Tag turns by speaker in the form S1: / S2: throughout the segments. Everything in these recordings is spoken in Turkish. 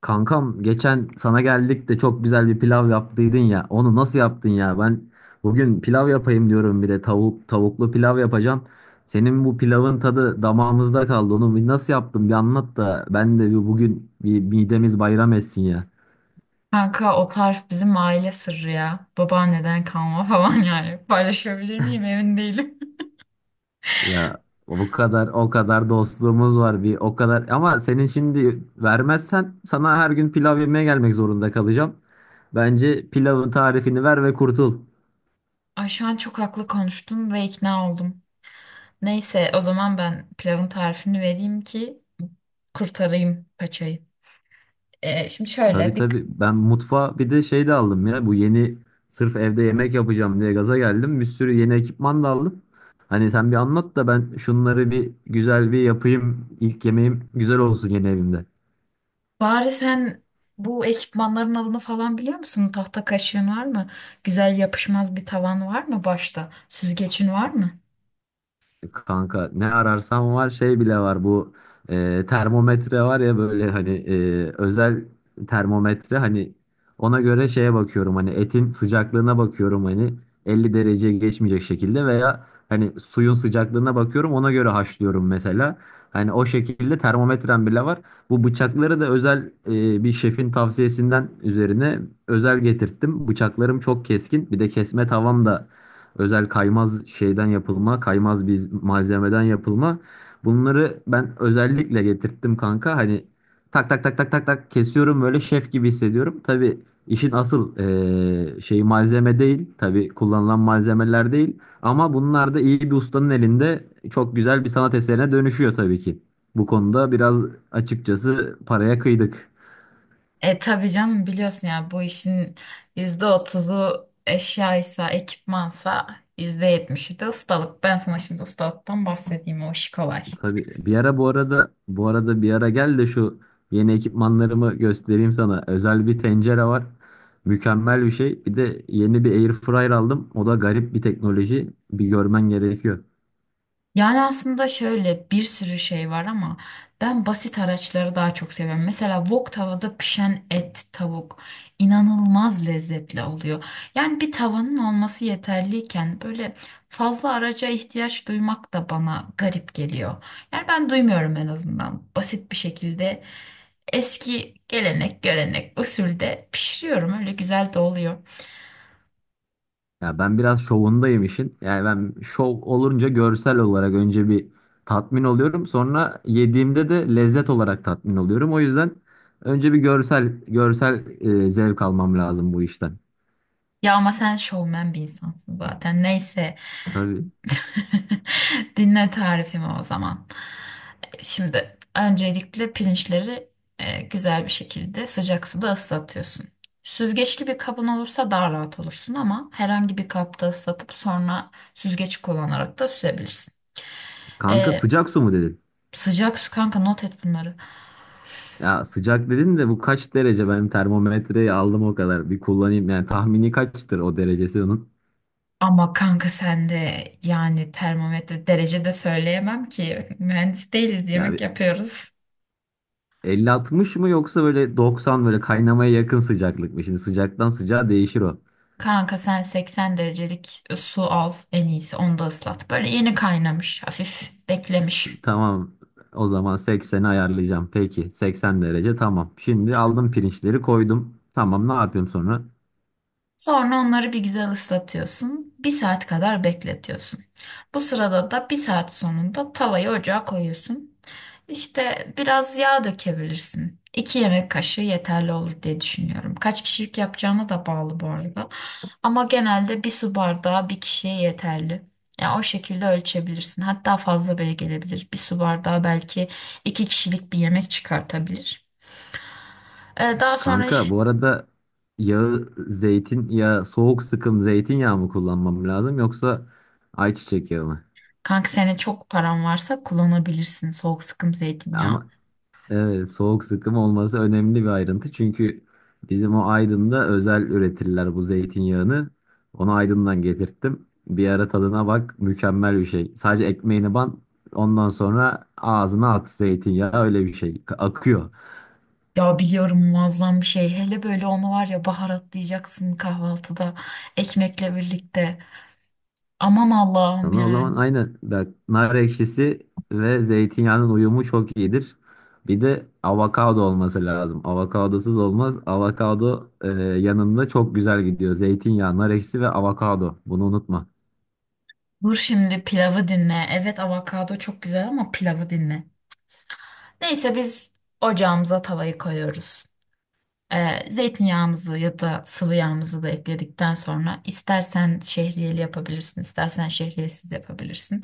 S1: Kankam geçen sana geldik de çok güzel bir pilav yaptıydın ya. Onu nasıl yaptın ya? Ben bugün pilav yapayım diyorum bir de tavuklu pilav yapacağım. Senin bu pilavın tadı damağımızda kaldı. Onu bir nasıl yaptın bir anlat da ben de bir bugün bir midemiz bayram etsin ya.
S2: Kanka, o tarif bizim aile sırrı ya. Babaanneden kalma falan yani. Paylaşabilir miyim emin değilim.
S1: Ya o kadar o kadar dostluğumuz var bir o kadar ama senin şimdi vermezsen sana her gün pilav yemeye gelmek zorunda kalacağım. Bence pilavın tarifini ver ve kurtul.
S2: Ay, şu an çok haklı konuştun ve ikna oldum. Neyse, o zaman ben pilavın tarifini vereyim ki kurtarayım paçayı. Şimdi
S1: Tabii
S2: şöyle bir
S1: tabii. Ben mutfağa bir de şey de aldım ya. Bu yeni sırf evde yemek yapacağım diye gaza geldim. Bir sürü yeni ekipman da aldım. Hani sen bir anlat da ben şunları bir güzel bir yapayım. İlk yemeğim güzel olsun yeni evimde.
S2: bari sen bu ekipmanların adını falan biliyor musun? Tahta kaşığın var mı? Güzel yapışmaz bir tavan var mı başta? Süzgecin var mı?
S1: Kanka ne ararsan var şey bile var bu termometre var ya böyle hani özel termometre hani ona göre şeye bakıyorum hani etin sıcaklığına bakıyorum hani 50 dereceye geçmeyecek şekilde veya hani suyun sıcaklığına bakıyorum ona göre haşlıyorum mesela. Hani o şekilde termometrem bile var. Bu bıçakları da özel bir şefin tavsiyesinden üzerine özel getirttim. Bıçaklarım çok keskin bir de kesme tavam da özel kaymaz şeyden yapılma, kaymaz bir malzemeden yapılma. Bunları ben özellikle getirttim kanka. Hani tak tak tak tak tak tak kesiyorum böyle şef gibi hissediyorum. Tabii işin asıl şeyi malzeme değil. Tabii kullanılan malzemeler değil. Ama bunlar da iyi bir ustanın elinde çok güzel bir sanat eserine dönüşüyor tabii ki. Bu konuda biraz açıkçası paraya kıydık.
S2: E, tabii canım, biliyorsun ya, bu işin %30'u eşyaysa, ekipmansa %70'i de ustalık. Ben sana şimdi ustalıktan bahsedeyim, o işi kolay.
S1: Tabii bir ara bu arada bir ara gel de şu yeni ekipmanlarımı göstereyim sana. Özel bir tencere var. Mükemmel bir şey. Bir de yeni bir air fryer aldım. O da garip bir teknoloji. Bir görmen gerekiyor.
S2: Yani aslında şöyle bir sürü şey var ama ben basit araçları daha çok seviyorum. Mesela wok tavada pişen et, tavuk inanılmaz lezzetli oluyor. Yani bir tavanın olması yeterliyken böyle fazla araca ihtiyaç duymak da bana garip geliyor. Yani ben duymuyorum, en azından basit bir şekilde eski gelenek, görenek, usulde pişiriyorum. Öyle güzel de oluyor.
S1: Ya ben biraz şovundayım işin. Yani ben şov olunca görsel olarak önce bir tatmin oluyorum. Sonra yediğimde de lezzet olarak tatmin oluyorum. O yüzden önce bir görsel zevk almam lazım bu işten.
S2: Ya ama sen şovmen bir insansın zaten. Neyse.
S1: Tabii.
S2: Dinle tarifimi o zaman. Şimdi öncelikle pirinçleri güzel bir şekilde sıcak suda ıslatıyorsun. Süzgeçli bir kabın olursa daha rahat olursun ama herhangi bir kapta ıslatıp sonra süzgeç kullanarak da süzebilirsin.
S1: Kanka
S2: E,
S1: sıcak su mu dedin?
S2: Sıcak su, kanka, not et bunları.
S1: Ya sıcak dedin de bu kaç derece? Ben termometreyi aldım o kadar. Bir kullanayım. Yani tahmini kaçtır o derecesi onun?
S2: Ama kanka, sen de yani termometre derece de söyleyemem ki, mühendis değiliz,
S1: Ya
S2: yemek
S1: bir
S2: yapıyoruz.
S1: 50-60 mı yoksa böyle 90 böyle kaynamaya yakın sıcaklık mı? Şimdi sıcaktan sıcağa değişir o.
S2: Kanka, sen 80 derecelik su al en iyisi, onu da ıslat. Böyle yeni kaynamış, hafif beklemiş.
S1: Tamam. O zaman 80'i ayarlayacağım. Peki 80 derece tamam. Şimdi aldım pirinçleri koydum. Tamam ne yapıyorum sonra?
S2: Sonra onları bir güzel ıslatıyorsun. Bir saat kadar bekletiyorsun. Bu sırada da, bir saat sonunda, tavayı ocağa koyuyorsun. İşte biraz yağ dökebilirsin. İki yemek kaşığı yeterli olur diye düşünüyorum. Kaç kişilik yapacağına da bağlı bu arada. Ama genelde bir su bardağı bir kişiye yeterli. Yani o şekilde ölçebilirsin. Hatta fazla bile gelebilir. Bir su bardağı belki iki kişilik bir yemek çıkartabilir. Ee, daha sonra
S1: Kanka
S2: iş,
S1: bu arada yağı zeytin ya soğuk sıkım zeytinyağı mı kullanmam lazım yoksa ayçiçek yağı mı?
S2: Kanka, senin çok paran varsa kullanabilirsin soğuk sıkım zeytinyağı.
S1: Ama Evet, soğuk sıkım olması önemli bir ayrıntı. Çünkü bizim o Aydın'da özel üretirler bu zeytinyağını. Onu Aydın'dan getirttim. Bir ara tadına bak, mükemmel bir şey. Sadece ekmeğini ban, ondan sonra ağzına at zeytinyağı öyle bir şey. Akıyor.
S2: Ya biliyorum, muazzam bir şey. Hele böyle onu var ya, baharatlayacaksın kahvaltıda ekmekle birlikte. Aman Allah'ım
S1: Sana o zaman
S2: yani.
S1: aynen bak nar ekşisi ve zeytinyağının uyumu çok iyidir. Bir de avokado olması lazım. Avokadosuz olmaz. Avokado yanında çok güzel gidiyor. Zeytinyağı, nar ekşisi ve avokado. Bunu unutma.
S2: Dur şimdi pilavı dinle. Evet, avokado çok güzel ama pilavı dinle. Neyse, biz ocağımıza tavayı koyuyoruz. Zeytinyağımızı ya da sıvı yağımızı da ekledikten sonra, istersen şehriyeli yapabilirsin, istersen şehriyesiz yapabilirsin.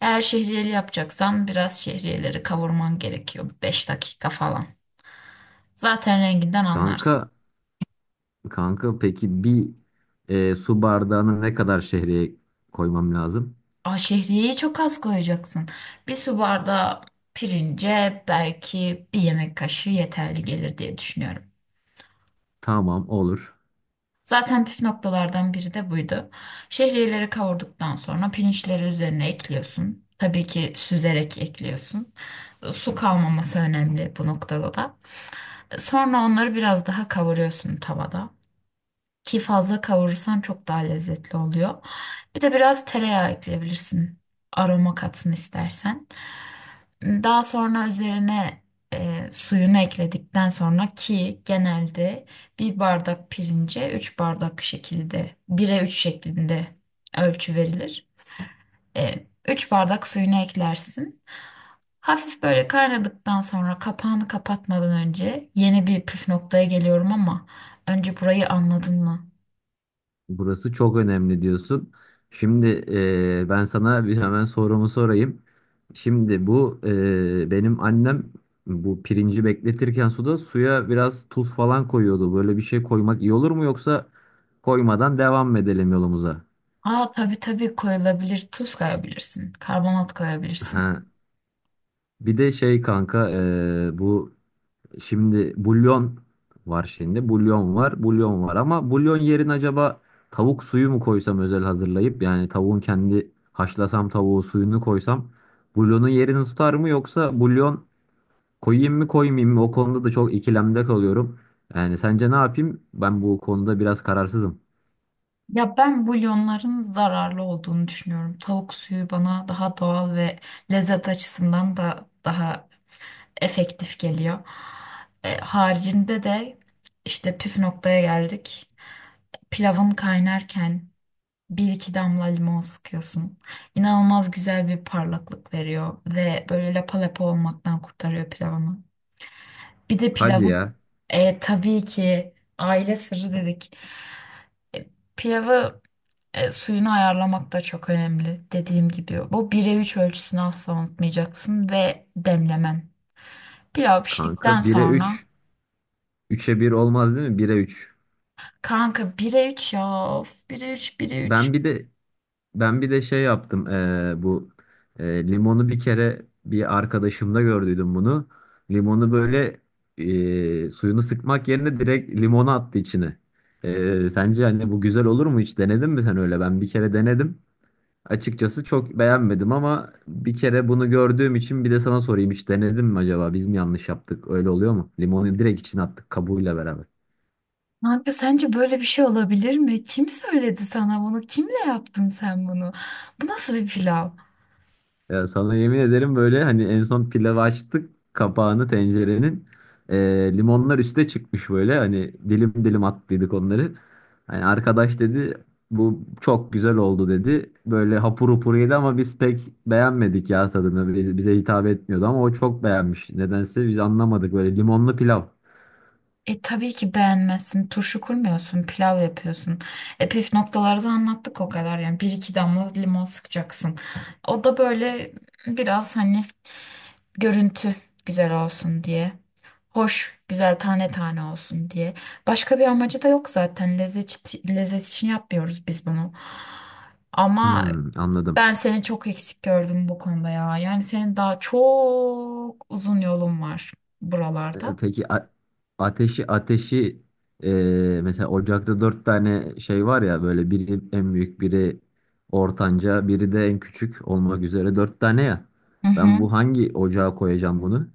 S2: Eğer şehriyeli yapacaksan biraz şehriyeleri kavurman gerekiyor, 5 dakika falan. Zaten renginden
S1: Kanka,
S2: anlarsın.
S1: kanka, peki bir su bardağına ne kadar şehriye koymam lazım?
S2: Aa, şehriyeyi çok az koyacaksın. Bir su bardağı pirince belki bir yemek kaşığı yeterli gelir diye düşünüyorum.
S1: Tamam olur.
S2: Zaten püf noktalardan biri de buydu. Şehriyeleri kavurduktan sonra pirinçleri üzerine ekliyorsun. Tabii ki süzerek ekliyorsun. Su kalmaması önemli bu noktada da. Sonra onları biraz daha kavuruyorsun tavada. Ki fazla kavurursan çok daha lezzetli oluyor. Bir de biraz tereyağı ekleyebilirsin. Aroma katsın istersen. Daha sonra üzerine suyunu ekledikten sonra, ki genelde bir bardak pirince 3 bardak şekilde, 1'e 3 şeklinde ölçü verilir. 3 bardak suyunu eklersin. Hafif böyle kaynadıktan sonra, kapağını kapatmadan önce, yeni bir püf noktaya geliyorum ama önce burayı anladın mı?
S1: Burası çok önemli diyorsun. Şimdi ben sana bir hemen sorumu sorayım. Şimdi bu benim annem bu pirinci bekletirken suda suya biraz tuz falan koyuyordu. Böyle bir şey koymak iyi olur mu yoksa koymadan devam mı edelim yolumuza?
S2: Aa, tabii tabii, koyulabilir. Tuz koyabilirsin, karbonat koyabilirsin.
S1: Ha. Bir de şey kanka bu şimdi bulyon var şimdi. Bulyon var, bulyon var ama bulyon yerine acaba tavuk suyu mu koysam özel hazırlayıp yani tavuğun kendi haşlasam tavuğu suyunu koysam bulyonun yerini tutar mı yoksa bulyon koyayım mı koymayayım mı? O konuda da çok ikilemde kalıyorum. Yani sence ne yapayım? Ben bu konuda biraz kararsızım.
S2: Ya, ben bulyonların zararlı olduğunu düşünüyorum. Tavuk suyu bana daha doğal ve lezzet açısından da daha efektif geliyor. E, haricinde de işte püf noktaya geldik. Pilavın kaynarken bir iki damla limon sıkıyorsun. İnanılmaz güzel bir parlaklık veriyor ve böyle lapa lapa olmaktan kurtarıyor pilavını. Bir de
S1: Hadi
S2: pilavı
S1: ya
S2: tabii ki, aile sırrı dedik. E, Pilavı Suyunu ayarlamak da çok önemli. Dediğim gibi bu 1'e 3 ölçüsünü asla unutmayacaksın, ve demlemen. Pilav piştikten
S1: kanka 1'e
S2: sonra,
S1: 3 3'e bir olmaz değil mi? 1'e üç.
S2: kanka, 1'e 3 ya. Of, 1'e 3, 1'e üç.
S1: Ben bir de Ben bir de şey yaptım, bu limonu bir kere bir arkadaşımda gördüydüm bunu. Limonu böyle suyunu sıkmak yerine direkt limonu attı içine. Sence hani bu güzel olur mu, hiç denedin mi sen öyle? Ben bir kere denedim. Açıkçası çok beğenmedim ama bir kere bunu gördüğüm için bir de sana sorayım, hiç denedin mi acaba? Biz mi yanlış yaptık? Öyle oluyor mu? Limonu direkt içine attık kabuğuyla beraber.
S2: Kanka, sence böyle bir şey olabilir mi? Kim söyledi sana bunu? Kimle yaptın sen bunu? Bu nasıl bir pilav?
S1: Ya sana yemin ederim böyle hani en son pilavı açtık kapağını tencerenin. Limonlar üste çıkmış böyle hani dilim dilim attıydık onları. Hani arkadaş dedi bu çok güzel oldu dedi. Böyle hapur hapur yedi ama biz pek beğenmedik ya tadını. Bize hitap etmiyordu ama o çok beğenmiş. Nedense biz anlamadık böyle limonlu pilav.
S2: E, tabii ki beğenmezsin. Turşu kurmuyorsun, pilav yapıyorsun. E, püf noktaları da anlattık o kadar yani. Bir iki damla limon sıkacaksın. O da böyle biraz hani görüntü güzel olsun diye. Hoş, güzel tane tane olsun diye. Başka bir amacı da yok zaten. Lezzet, lezzet için yapmıyoruz biz bunu. Ama
S1: Hmm, anladım.
S2: ben seni çok eksik gördüm bu konuda ya. Yani senin daha çok uzun yolun var buralarda.
S1: Peki ateşi e, mesela ocakta dört tane şey var ya, böyle biri en büyük, biri ortanca, biri de en küçük olmak üzere dört tane ya.
S2: Hı hı.
S1: Ben bu hangi ocağa koyacağım bunu?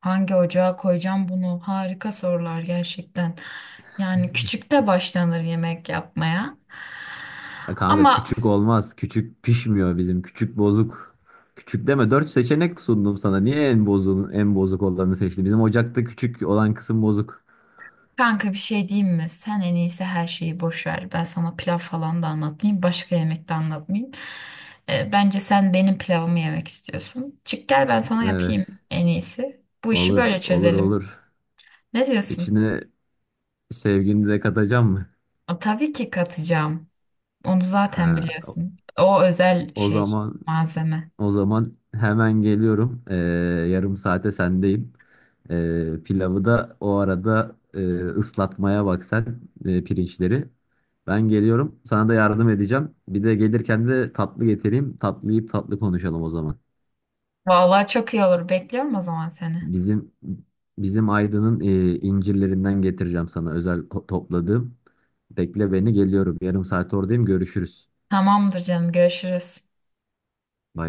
S2: Hangi ocağa koyacağım bunu? Harika sorular gerçekten. Yani küçükte başlanır yemek yapmaya.
S1: Kanka
S2: Ama
S1: küçük olmaz. Küçük pişmiyor bizim. Küçük bozuk. Küçük deme. Dört seçenek sundum sana. Niye en bozuk olanı seçtin? Bizim ocakta küçük olan kısım bozuk.
S2: kanka, bir şey diyeyim mi? Sen en iyisi her şeyi boş ver. Ben sana pilav falan da anlatmayayım, başka yemek de anlatmayayım. Bence sen benim pilavımı yemek istiyorsun. Çık gel, ben sana yapayım
S1: Evet.
S2: en iyisi. Bu işi
S1: Olur
S2: böyle
S1: olur
S2: çözelim.
S1: olur.
S2: Ne diyorsun?
S1: İçine sevgini de katacağım mı?
S2: Aa, tabii ki katacağım. Onu zaten
S1: Ha,
S2: biliyorsun. O özel
S1: O
S2: şey,
S1: zaman
S2: malzeme.
S1: o zaman hemen geliyorum. Yarım saate sendeyim. Pilavı da o arada ıslatmaya bak sen pirinçleri. Ben geliyorum. Sana da yardım edeceğim. Bir de gelirken de tatlı getireyim. Tatlı yiyip tatlı konuşalım o zaman.
S2: Vallahi çok iyi olur. Bekliyorum o zaman seni.
S1: Bizim bizim Aydın'ın incirlerinden getireceğim sana özel, topladığım. Bekle beni, geliyorum. Yarım saat oradayım. Görüşürüz.
S2: Tamamdır canım, görüşürüz.
S1: Bay